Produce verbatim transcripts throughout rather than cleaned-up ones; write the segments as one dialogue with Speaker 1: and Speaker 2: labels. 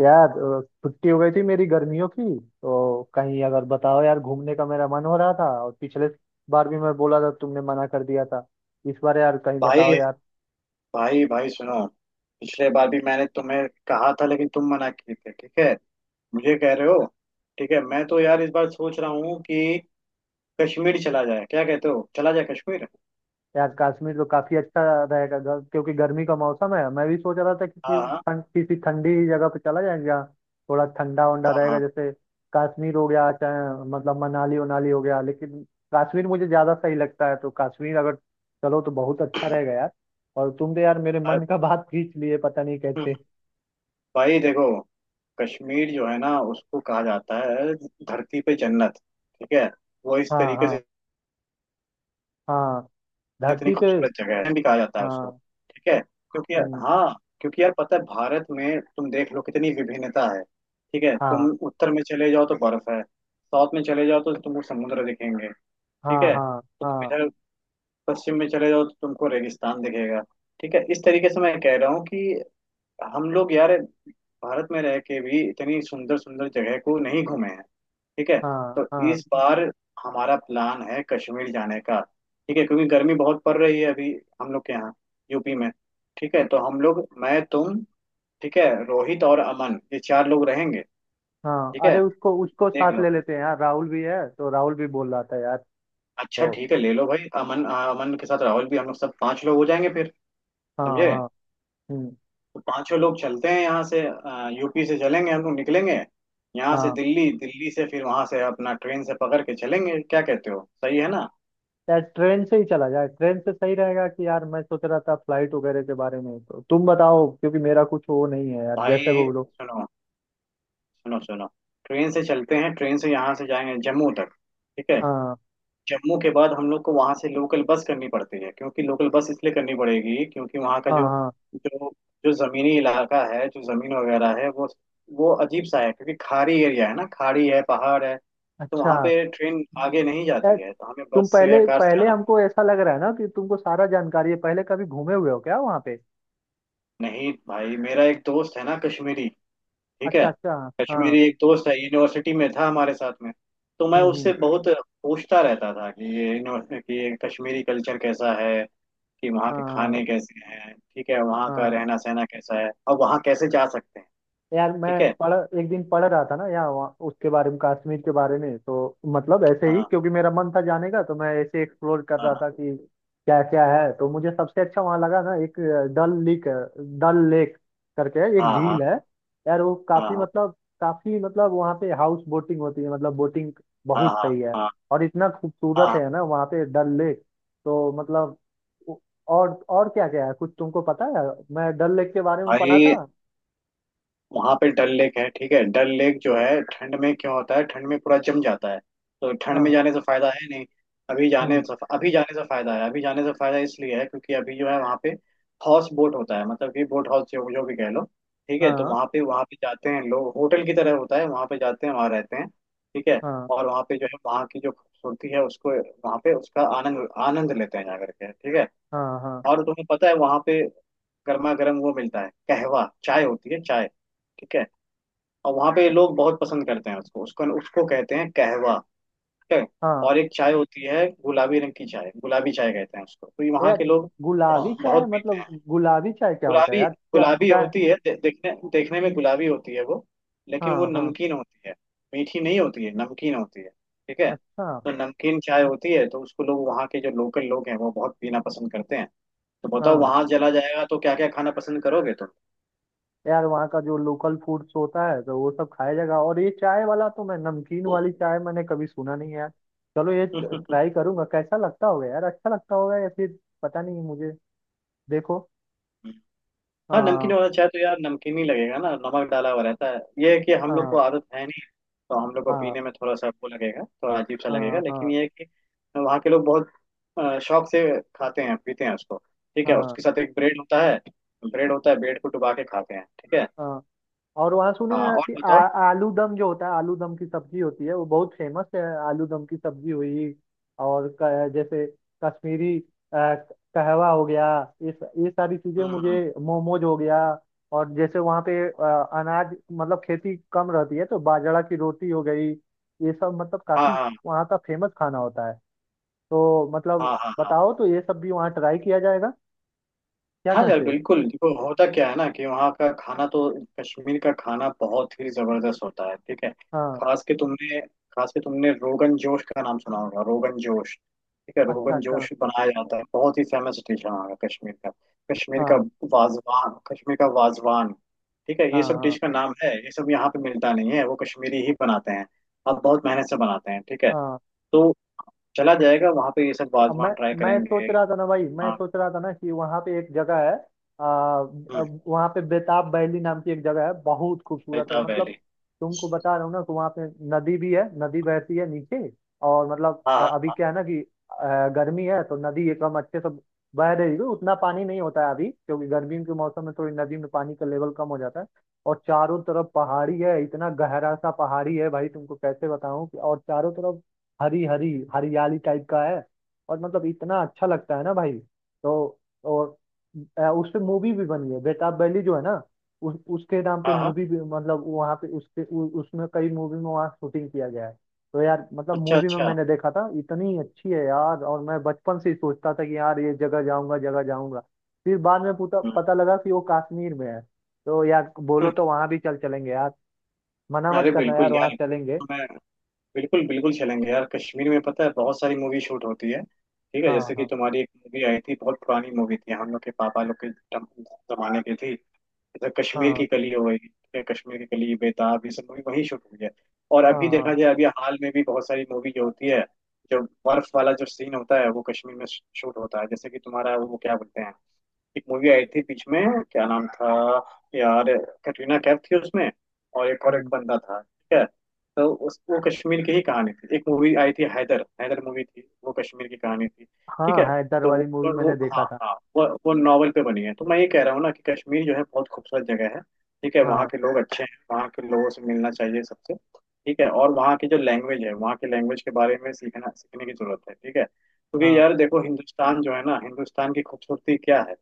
Speaker 1: यार अ, छुट्टी हो गई थी मेरी गर्मियों की। तो कहीं अगर बताओ यार, घूमने का मेरा मन हो रहा था और पिछले बार भी मैं बोला था, तुमने मना कर दिया था। इस बार यार कहीं बताओ
Speaker 2: भाई
Speaker 1: यार।
Speaker 2: भाई भाई सुनो। पिछले बार भी मैंने तुम्हें कहा था लेकिन तुम मना किए थे, ठीक है? मुझे कह रहे हो? ठीक है, मैं तो यार इस बार सोच रहा हूँ कि कश्मीर चला जाए। क्या कहते हो, चला जाए कश्मीर?
Speaker 1: यार कश्मीर तो काफी अच्छा रहेगा, गर- क्योंकि गर्मी का मौसम है। मैं भी सोच रहा था कि
Speaker 2: हाँ
Speaker 1: कि-
Speaker 2: हाँ
Speaker 1: ठं- किसी ठंडी जगह पे चला जाएगा जहाँ थोड़ा ठंडा वंडा
Speaker 2: हाँ
Speaker 1: रहेगा,
Speaker 2: हाँ।
Speaker 1: जैसे कश्मीर हो गया, चाहे मतलब मनाली उनाली हो गया, लेकिन कश्मीर मुझे ज्यादा सही लगता है। तो कश्मीर अगर चलो तो बहुत अच्छा रहेगा यार। और तुम तो यार मेरे
Speaker 2: अरे,
Speaker 1: मन का बात खींच लिए, पता नहीं कैसे।
Speaker 2: भाई देखो, कश्मीर जो है ना उसको कहा जाता है धरती पे जन्नत। ठीक है, वो इस
Speaker 1: हाँ
Speaker 2: तरीके
Speaker 1: हाँ
Speaker 2: से
Speaker 1: हाँ।
Speaker 2: इतनी
Speaker 1: धरती पे।
Speaker 2: खूबसूरत जगह है, भी कहा जाता है उसको।
Speaker 1: हाँ।
Speaker 2: ठीक है क्योंकि
Speaker 1: हम्म,
Speaker 2: हाँ, क्योंकि यार पता है भारत में तुम देख लो कितनी विभिन्नता है। ठीक है,
Speaker 1: हाँ
Speaker 2: तुम उत्तर में चले जाओ तो बर्फ है, साउथ में चले जाओ तो तुमको समुद्र दिखेंगे। ठीक
Speaker 1: हाँ
Speaker 2: है,
Speaker 1: हाँ।
Speaker 2: तुम
Speaker 1: हाँ
Speaker 2: इधर पश्चिम में चले जाओ तो तुमको रेगिस्तान दिखेगा। ठीक है, इस तरीके से मैं कह रहा हूँ कि हम लोग यार भारत में रह के भी इतनी सुंदर सुंदर जगह को नहीं घूमे हैं। ठीक है,
Speaker 1: हाँ
Speaker 2: तो
Speaker 1: हाँ।
Speaker 2: इस बार हमारा प्लान है कश्मीर जाने का। ठीक है क्योंकि गर्मी बहुत पड़ रही है अभी हम लोग के यहाँ, यूपी में। ठीक है, तो हम लोग, मैं, तुम, ठीक है, रोहित और अमन, ये चार लोग रहेंगे।
Speaker 1: हाँ,
Speaker 2: ठीक है,
Speaker 1: अरे उसको उसको
Speaker 2: देख
Speaker 1: साथ
Speaker 2: लो।
Speaker 1: ले लेते हैं यार, राहुल भी है, तो राहुल भी बोल रहा था यार।
Speaker 2: अच्छा
Speaker 1: तो
Speaker 2: ठीक है, ले लो भाई अमन। आ, अमन के साथ राहुल भी, हम लोग सब पांच लोग हो जाएंगे फिर।
Speaker 1: हाँ
Speaker 2: समझे?
Speaker 1: हाँ। हम्म।
Speaker 2: तो पांचों लोग चलते हैं यहाँ से, यूपी से चलेंगे हम लोग, निकलेंगे यहाँ से
Speaker 1: हाँ,
Speaker 2: दिल्ली, दिल्ली से फिर वहां से अपना ट्रेन से पकड़ के चलेंगे। क्या कहते हो, सही है ना?
Speaker 1: यार ट्रेन से ही चला जाए, ट्रेन से सही रहेगा। कि यार मैं सोच रहा था फ्लाइट वगैरह के बारे में, तो तुम बताओ, क्योंकि मेरा कुछ वो नहीं है यार जैसे
Speaker 2: भाई
Speaker 1: वो लोग।
Speaker 2: सुनो सुनो सुनो। ट्रेन से चलते हैं, ट्रेन से यहाँ से जाएंगे जम्मू तक। ठीक है,
Speaker 1: हाँ
Speaker 2: जम्मू के बाद हम लोग को वहां से लोकल बस करनी पड़ती है, क्योंकि लोकल बस इसलिए करनी पड़ेगी क्योंकि वहाँ का
Speaker 1: हाँ
Speaker 2: जो
Speaker 1: हाँ।
Speaker 2: जो जो जमीनी इलाका है, जो जमीन वगैरह है वो वो अजीब सा है क्योंकि खाड़ी एरिया है ना, खाड़ी है, पहाड़ है। तो
Speaker 1: अच्छा,
Speaker 2: वहाँ पे ट्रेन आगे नहीं
Speaker 1: यार
Speaker 2: जाती है, तो हमें
Speaker 1: तुम
Speaker 2: बस से या
Speaker 1: पहले
Speaker 2: कार से
Speaker 1: पहले
Speaker 2: जाना
Speaker 1: हमको ऐसा लग रहा है ना कि तुमको सारा जानकारी है, पहले कभी घूमे हुए हो क्या वहाँ पे?
Speaker 2: पड़ता है। नहीं भाई, मेरा एक दोस्त है ना, कश्मीरी, ठीक है,
Speaker 1: अच्छा अच्छा। हाँ।
Speaker 2: कश्मीरी एक दोस्त है, यूनिवर्सिटी में था हमारे साथ में। तो मैं
Speaker 1: हम्म
Speaker 2: उससे
Speaker 1: हम्म
Speaker 2: बहुत पूछता रहता था कि ये यूनिवर्सिटी कि ये कश्मीरी कल्चर कैसा है, कि वहाँ के
Speaker 1: हाँ
Speaker 2: खाने कैसे हैं, ठीक है, वहाँ का
Speaker 1: हाँ।
Speaker 2: रहना सहना कैसा है, और वहाँ कैसे जा सकते हैं।
Speaker 1: यार मैं
Speaker 2: ठीक है।
Speaker 1: पढ़ एक दिन पढ़ रहा था ना यहाँ वहाँ उसके बारे में, कश्मीर के बारे में, तो मतलब ऐसे ही,
Speaker 2: हाँ
Speaker 1: क्योंकि मेरा मन था जाने का, तो मैं ऐसे एक्सप्लोर कर रहा
Speaker 2: हाँ
Speaker 1: था कि क्या क्या है। तो मुझे सबसे अच्छा वहाँ लगा ना एक डल लेक है, डल लेक करके एक
Speaker 2: हाँ हाँ
Speaker 1: झील है। यार वो काफी
Speaker 2: हाँ
Speaker 1: मतलब, काफी मतलब वहाँ पे हाउस बोटिंग होती है, मतलब बोटिंग
Speaker 2: हाँ
Speaker 1: बहुत
Speaker 2: हाँ
Speaker 1: सही है।
Speaker 2: हाँ हाँ
Speaker 1: और इतना
Speaker 2: हाँ
Speaker 1: खूबसूरत
Speaker 2: हाँ।
Speaker 1: है ना वहाँ पे डल लेक, तो मतलब और और क्या क्या है कुछ तुमको पता है? मैं डल लेक के बारे में पढ़ा
Speaker 2: भाई
Speaker 1: था।
Speaker 2: वहां पे डल लेक है, ठीक है, डल लेक जो है ठंड में क्यों होता है, ठंड में पूरा जम जाता है। तो ठंड में
Speaker 1: हाँ
Speaker 2: जाने से फायदा है नहीं, अभी जाने
Speaker 1: हम्म।
Speaker 2: से, अभी जाने से फायदा है। अभी जाने से फायदा इसलिए है क्योंकि अभी जो है वहाँ पे हाउस बोट होता है, मतलब कि बोट हाउस जो, जो भी कह लो। ठीक है, तो
Speaker 1: हाँ
Speaker 2: वहाँ पे, वहाँ पे जाते हैं लोग, होटल की तरह होता है, वहाँ पे जाते हैं वहाँ रहते हैं। ठीक है,
Speaker 1: हाँ
Speaker 2: और वहाँ पे जो है वहाँ की जो खूबसूरती है उसको, वहाँ पे उसका आनंद आनंद लेते हैं जा करके। ठीक है,
Speaker 1: हाँ हाँ।
Speaker 2: और तुम्हें पता है वहाँ पे गर्मा गर्म वो मिलता है, कहवा, चाय होती है चाय। ठीक है, और वहां पे लोग बहुत पसंद करते हैं उसको, उसको उसको कहते हैं कहवा। ठीक है,
Speaker 1: हाँ
Speaker 2: और एक चाय होती है गुलाबी रंग की, चाय गुलाबी चाय कहते हैं उसको। तो ये वहाँ
Speaker 1: यार,
Speaker 2: के लोग
Speaker 1: गुलाबी
Speaker 2: बहुत
Speaker 1: चाय
Speaker 2: बहुत पीते
Speaker 1: मतलब
Speaker 2: हैं।
Speaker 1: गुलाबी चाय क्या होता है
Speaker 2: गुलाबी,
Speaker 1: यार? चाय
Speaker 2: गुलाबी
Speaker 1: चाय।
Speaker 2: होती है, दे, देखने देखने में गुलाबी होती है वो, लेकिन वो
Speaker 1: हाँ हाँ।
Speaker 2: नमकीन होती है। मीठी नहीं होती है, नमकीन होती है। ठीक है,
Speaker 1: अच्छा।
Speaker 2: तो नमकीन चाय होती है, तो उसको लोग वहाँ के जो लोकल लोग हैं वो बहुत पीना पसंद करते हैं। तो बताओ,
Speaker 1: हाँ,
Speaker 2: वहां चला जाएगा तो क्या क्या खाना पसंद करोगे
Speaker 1: यार वहाँ का जो लोकल फूड्स होता है तो वो सब खाया जाएगा। और ये चाय वाला, तो मैं नमकीन
Speaker 2: तुम?
Speaker 1: वाली चाय मैंने कभी सुना नहीं है यार। चलो ये ट्राई करूंगा, कैसा लगता होगा यार, अच्छा लगता होगा या फिर पता नहीं मुझे। देखो।
Speaker 2: हाँ नमकीन
Speaker 1: हाँ।
Speaker 2: वाला चाय तो यार नमकीन ही लगेगा ना, नमक डाला हुआ रहता है। ये है कि हम लोग को
Speaker 1: हाँ
Speaker 2: आदत है नहीं, तो हम लोग को
Speaker 1: हाँ।
Speaker 2: पीने में थोड़ा सा वो लगेगा, थोड़ा अजीब सा लगेगा।
Speaker 1: हाँ
Speaker 2: लेकिन
Speaker 1: हाँ
Speaker 2: ये है कि वहाँ के लोग बहुत अ, शौक से खाते हैं पीते हैं उसको। ठीक है,
Speaker 1: हाँ
Speaker 2: उसके साथ एक ब्रेड होता है, ब्रेड होता है, ब्रेड को डुबा के खाते हैं। ठीक है।
Speaker 1: हाँ। और वहाँ सुने
Speaker 2: हाँ,
Speaker 1: हैं
Speaker 2: और
Speaker 1: कि आ,
Speaker 2: बताओ।
Speaker 1: आलू दम जो होता है, आलू दम की सब्जी होती है, वो बहुत फेमस है। आलू दम की सब्जी हुई। और क- जैसे कश्मीरी अ, कहवा हो गया, ये स- ये सारी चीजें,
Speaker 2: हम्म।
Speaker 1: मुझे मोमोज हो गया, और जैसे वहाँ पे अ, अनाज मतलब खेती कम रहती है तो बाजरा की रोटी हो गई, ये सब मतलब
Speaker 2: हाँ
Speaker 1: काफी
Speaker 2: हाँ
Speaker 1: वहाँ का फेमस खाना होता है। तो मतलब
Speaker 2: हाँ हाँ हाँ
Speaker 1: बताओ तो ये सब भी वहाँ ट्राई किया जाएगा, क्या
Speaker 2: हाँ। यार
Speaker 1: कहते हो?
Speaker 2: बिल्कुल, देखो होता क्या है ना कि वहाँ का खाना तो, कश्मीर का खाना बहुत ही जबरदस्त होता है। ठीक है,
Speaker 1: हाँ।
Speaker 2: खास के तुमने खास के तुमने रोगन जोश का नाम सुना होगा। रोगन जोश, ठीक है,
Speaker 1: अच्छा
Speaker 2: रोगन
Speaker 1: अच्छा।
Speaker 2: जोश बनाया जाता है, बहुत ही फेमस डिश है वहाँ का। कश्मीर का कश्मीर का
Speaker 1: हाँ
Speaker 2: वाजवान, कश्मीर का वाजवान। ठीक है,
Speaker 1: हाँ
Speaker 2: ये सब
Speaker 1: हाँ
Speaker 2: डिश का नाम है, ये सब यहाँ पे मिलता नहीं है, वो कश्मीरी ही बनाते हैं। अब बहुत मेहनत से बनाते हैं। ठीक है,
Speaker 1: हाँ।
Speaker 2: तो चला जाएगा वहाँ पे, ये सब
Speaker 1: अब मैं
Speaker 2: वाजवान ट्राई
Speaker 1: मैं
Speaker 2: करेंगे।
Speaker 1: सोच रहा था ना भाई, मैं
Speaker 2: हाँ।
Speaker 1: सोच रहा था ना कि वहाँ पे एक जगह है, आ,
Speaker 2: हम्म,
Speaker 1: अब वहाँ पे बेताब बैली नाम की एक जगह है, बहुत खूबसूरत है
Speaker 2: नैता वैली।
Speaker 1: मतलब। तुमको बता रहा हूँ ना कि वहाँ पे नदी भी है, नदी बहती है नीचे। और मतलब
Speaker 2: हाँ
Speaker 1: अ-
Speaker 2: हाँ
Speaker 1: अभी
Speaker 2: हाँ।
Speaker 1: क्या है ना कि अ, गर्मी है तो नदी एकदम अच्छे से बह रही है, उतना पानी नहीं होता है अभी, क्योंकि गर्मियों के मौसम में थोड़ी नदी में पानी का लेवल कम हो जाता है। और चारों तरफ पहाड़ी है, इतना गहरा सा पहाड़ी है भाई, तुमको कैसे बताऊं, कि और चारों तरफ हरी हरी हरियाली टाइप का है। और मतलब इतना अच्छा लगता है ना भाई। तो और अ, उस पे मूवी भी बनी है, बेताब बैली जो है ना, उस उसके नाम पे
Speaker 2: हाँ हाँ।
Speaker 1: मूवी भी, मतलब वहाँ पे उसके उ, उसमें कई मूवी में वहाँ शूटिंग किया गया है। तो यार मतलब
Speaker 2: अच्छा
Speaker 1: मूवी में
Speaker 2: अच्छा।
Speaker 1: मैंने देखा था इतनी अच्छी है यार। और मैं बचपन से ही सोचता था कि यार ये जगह जाऊंगा, जगह जाऊंगा। फिर बाद में पता
Speaker 2: हम्म।
Speaker 1: पता लगा कि वो कश्मीर में है। तो यार बोलो तो वहां भी चल चलेंगे यार, मना मत
Speaker 2: अरे
Speaker 1: करना
Speaker 2: बिल्कुल
Speaker 1: यार, वहां
Speaker 2: यार,
Speaker 1: चलेंगे।
Speaker 2: तो मैं बिल्कुल बिल्कुल चलेंगे यार। कश्मीर में पता है बहुत सारी मूवी शूट होती है। ठीक है,
Speaker 1: हाँ
Speaker 2: जैसे कि
Speaker 1: हाँ
Speaker 2: तुम्हारी एक मूवी आई थी, बहुत पुरानी मूवी थी, हम लोग के पापा लोग के जम- जमाने की थी। जैसे कश्मीर
Speaker 1: हाँ
Speaker 2: की कली हो गई, ठीक है, कश्मीर की कली, बेताब, ये सब मूवी वहीं शूट हुई है। और
Speaker 1: हाँ
Speaker 2: अभी
Speaker 1: हाँ।
Speaker 2: देखा जाए, अभी हाल में भी बहुत सारी मूवी जो होती है, जो बर्फ वाला जो सीन होता है वो कश्मीर में शूट होता है। जैसे कि तुम्हारा वो क्या बोलते हैं, एक मूवी आई थी बीच में, क्या नाम था यार, कटरीना कैफ थी उसमें और एक, और एक
Speaker 1: हम्म।
Speaker 2: बंदा था। ठीक है, तो उस वो कश्मीर की ही कहानी थी, एक मूवी आई थी हैदर, हैदर मूवी थी, वो कश्मीर की कहानी थी।
Speaker 1: हाँ,
Speaker 2: ठीक है,
Speaker 1: हैदर
Speaker 2: तो वो,
Speaker 1: वाली मूवी
Speaker 2: वो
Speaker 1: मैंने देखा
Speaker 2: हाँ
Speaker 1: था।
Speaker 2: हाँ, वो वो नॉवल पे बनी है। तो मैं ये कह रहा हूँ ना कि कश्मीर जो है बहुत खूबसूरत जगह है। ठीक है, वहाँ
Speaker 1: हाँ
Speaker 2: के लोग अच्छे हैं, वहाँ के लोगों से मिलना चाहिए सबसे। ठीक है, और वहाँ की जो लैंग्वेज है, वहाँ की लैंग्वेज के बारे में सीखना, सीखने की जरूरत है। ठीक है, क्योंकि
Speaker 1: हाँ,
Speaker 2: यार देखो हिंदुस्तान जो है ना, हिंदुस्तान की खूबसूरती क्या है,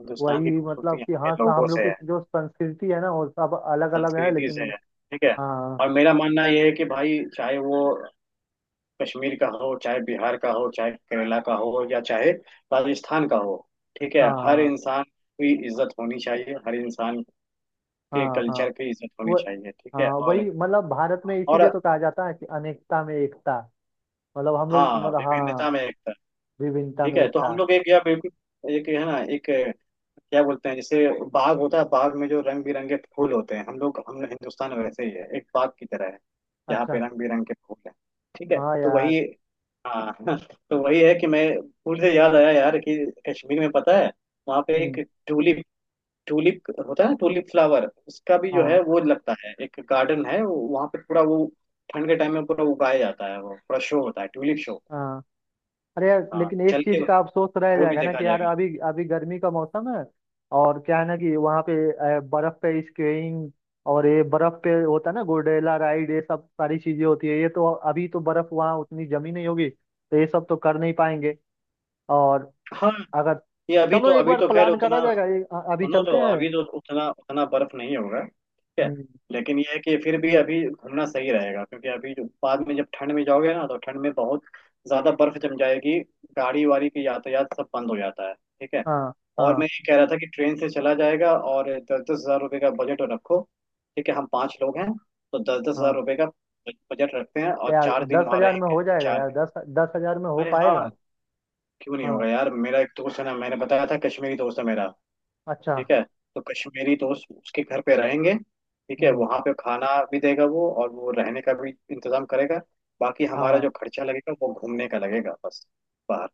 Speaker 2: हिंदुस्तान की
Speaker 1: वही
Speaker 2: खूबसूरती
Speaker 1: मतलब कि
Speaker 2: यहाँ के
Speaker 1: हाँ सा-
Speaker 2: लोगों
Speaker 1: हम लोग
Speaker 2: से
Speaker 1: की
Speaker 2: है,
Speaker 1: जो संस्कृति है ना वो सब अलग अलग है,
Speaker 2: संस्कृति से
Speaker 1: लेकिन
Speaker 2: है। ठीक है,
Speaker 1: हाँ
Speaker 2: और मेरा मानना यह है कि भाई चाहे वो कश्मीर का हो, चाहे बिहार का हो, चाहे केरला का हो, या चाहे राजस्थान का हो, ठीक है, हर
Speaker 1: हाँ।
Speaker 2: इंसान की इज्जत होनी चाहिए, हर इंसान के
Speaker 1: हाँ हाँ।
Speaker 2: कल्चर की इज्जत होनी
Speaker 1: वो।
Speaker 2: चाहिए। ठीक
Speaker 1: हाँ
Speaker 2: है, और
Speaker 1: वही मतलब, भारत में इसीलिए
Speaker 2: और
Speaker 1: तो कहा जाता है कि अनेकता में एकता। मतलब हम लोग
Speaker 2: हाँ,
Speaker 1: मतलब, हाँ
Speaker 2: विभिन्नता में एकता।
Speaker 1: विभिन्नता
Speaker 2: ठीक
Speaker 1: में
Speaker 2: है, तो हम
Speaker 1: एकता।
Speaker 2: लोग एक, या बिल्कुल एक है ना, एक, क्या बोलते हैं जैसे बाग होता है, बाग में जो रंग बिरंगे फूल होते हैं, हम लोग, हम लोग हिंदुस्तान में वैसे ही है, एक बाग की तरह है। यहाँ पे
Speaker 1: अच्छा।
Speaker 2: रंग बिरंगे फूल है। ठीक है,
Speaker 1: हाँ
Speaker 2: तो
Speaker 1: यार।
Speaker 2: वही हाँ तो वही है कि मैं, फूल से याद आया यार कि कश्मीर में पता है वहाँ पे एक
Speaker 1: हम्म।
Speaker 2: ट्यूलिप, ट्यूलिप होता है ना, ट्यूलिप फ्लावर, उसका भी जो
Speaker 1: हाँ
Speaker 2: है वो लगता है एक गार्डन है वो- वहाँ पे पूरा वो ठंड के टाइम में पूरा उगाया जाता है, वो पूरा शो होता है, ट्यूलिप शो।
Speaker 1: हाँ। अरे यार
Speaker 2: हाँ
Speaker 1: लेकिन एक
Speaker 2: चल के
Speaker 1: चीज का अफसोस रह
Speaker 2: वो भी
Speaker 1: जाएगा ना
Speaker 2: देखा
Speaker 1: कि यार
Speaker 2: जाएगा।
Speaker 1: अभी अभी गर्मी का मौसम है। और क्या है ना कि वहाँ पे अ, बर्फ पे स्कीइंग, और ये बर्फ पे होता है ना गोंडेला राइड, ये सब सारी चीजें होती है, ये तो अभी तो बर्फ वहाँ उतनी जमी नहीं होगी तो ये सब तो कर नहीं पाएंगे। और
Speaker 2: हाँ
Speaker 1: अगर
Speaker 2: ये अभी
Speaker 1: चलो
Speaker 2: तो,
Speaker 1: एक
Speaker 2: अभी
Speaker 1: बार
Speaker 2: तो खैर
Speaker 1: प्लान करा
Speaker 2: उतना,
Speaker 1: जाएगा, ये अ- अभी
Speaker 2: सुनो तो
Speaker 1: चलते हैं।
Speaker 2: अभी तो उतना उतना बर्फ नहीं होगा। ठीक है,
Speaker 1: हम्म।
Speaker 2: लेकिन ये है कि फिर भी अभी घूमना सही रहेगा, क्योंकि अभी जो बाद में जब ठंड में जाओगे ना, तो ठंड में बहुत ज्यादा बर्फ जम जाएगी, गाड़ी वाड़ी की यातायात सब बंद हो जाता है। ठीक है,
Speaker 1: हाँ
Speaker 2: और
Speaker 1: हाँ
Speaker 2: मैं ये कह रहा था कि ट्रेन से चला जाएगा, और दस दस हज़ार रुपये का बजट रखो। ठीक है, हम पांच लोग हैं, तो दस दस हजार
Speaker 1: हाँ।
Speaker 2: रुपये का बजट रखते हैं, और
Speaker 1: यार
Speaker 2: चार दिन
Speaker 1: दस
Speaker 2: वहाँ
Speaker 1: हजार में
Speaker 2: रहेंगे
Speaker 1: हो जाएगा
Speaker 2: चार
Speaker 1: यार?
Speaker 2: दिन
Speaker 1: दस दस हज़ार में हो
Speaker 2: अरे
Speaker 1: पाएगा?
Speaker 2: हाँ, क्यों नहीं होगा
Speaker 1: हाँ।
Speaker 2: यार, मेरा एक दोस्त है ना, मैंने बताया था कश्मीरी दोस्त है मेरा।
Speaker 1: अच्छा।
Speaker 2: ठीक है, तो कश्मीरी दोस्त उसके घर पे रहेंगे। ठीक है,
Speaker 1: हम्म।
Speaker 2: वहां पे खाना भी देगा वो, और वो रहने का भी इंतजाम करेगा। बाकी हमारा
Speaker 1: हाँ,
Speaker 2: जो खर्चा लगेगा वो घूमने का लगेगा बस, बाहर।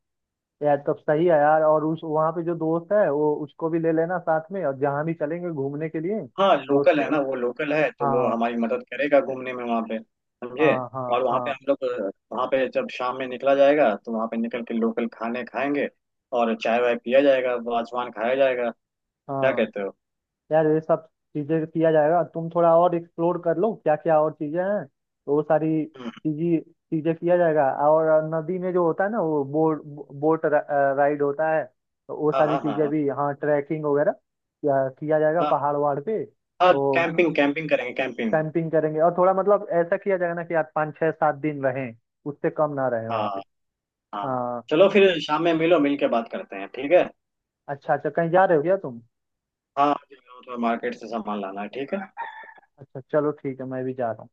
Speaker 1: यार तब सही है यार। और उस वहाँ पे जो दोस्त है, वो उसको भी ले लेना साथ में, और जहाँ भी चलेंगे घूमने के लिए
Speaker 2: हाँ
Speaker 1: तो
Speaker 2: लोकल है
Speaker 1: उस-
Speaker 2: ना, वो लोकल है, तो वो
Speaker 1: हाँ
Speaker 2: हमारी मदद करेगा घूमने में वहाँ पे। समझे?
Speaker 1: हाँ हाँ
Speaker 2: और वहाँ पे
Speaker 1: हाँ।
Speaker 2: हम लोग अ, वहाँ पे जब शाम में निकला जाएगा, तो वहाँ पे निकल के लोकल खाने खाएंगे, और चाय वाय पिया जाएगा, वाजवान खाया जाएगा। क्या
Speaker 1: हाँ,
Speaker 2: कहते हो?
Speaker 1: यार ये सब चीजें किया जाएगा, तुम थोड़ा और एक्सप्लोर कर लो क्या क्या और चीजें हैं, तो वो सारी
Speaker 2: हम्म,
Speaker 1: चीजें चीजें किया जाएगा। और नदी में जो होता है ना वो बोट बोट राइड होता है, तो वो
Speaker 2: हाँ
Speaker 1: सारी
Speaker 2: हाँ हाँ
Speaker 1: चीजें
Speaker 2: हाँ
Speaker 1: भी, हाँ ट्रैकिंग वगैरह किया किया जाएगा
Speaker 2: हाँ
Speaker 1: पहाड़ वहाड़ पे।
Speaker 2: हाँ,
Speaker 1: तो
Speaker 2: कैंपिंग कैंपिंग करेंगे, कैंपिंग।
Speaker 1: कैंपिंग करेंगे और थोड़ा मतलब ऐसा किया जाएगा ना कि यार पाँच छः सात दिन रहें, उससे कम ना रहें वहाँ पे।
Speaker 2: हाँ हाँ,
Speaker 1: हाँ।
Speaker 2: चलो फिर शाम में मिलो, मिल के बात करते हैं। ठीक है,
Speaker 1: अच्छा अच्छा, कहीं जा रहे हो क्या तुम?
Speaker 2: हाँ, मुझे थोड़ा मार्केट से सामान लाना है। ठीक है।
Speaker 1: अच्छा चलो ठीक है, मैं भी जा रहा हूँ।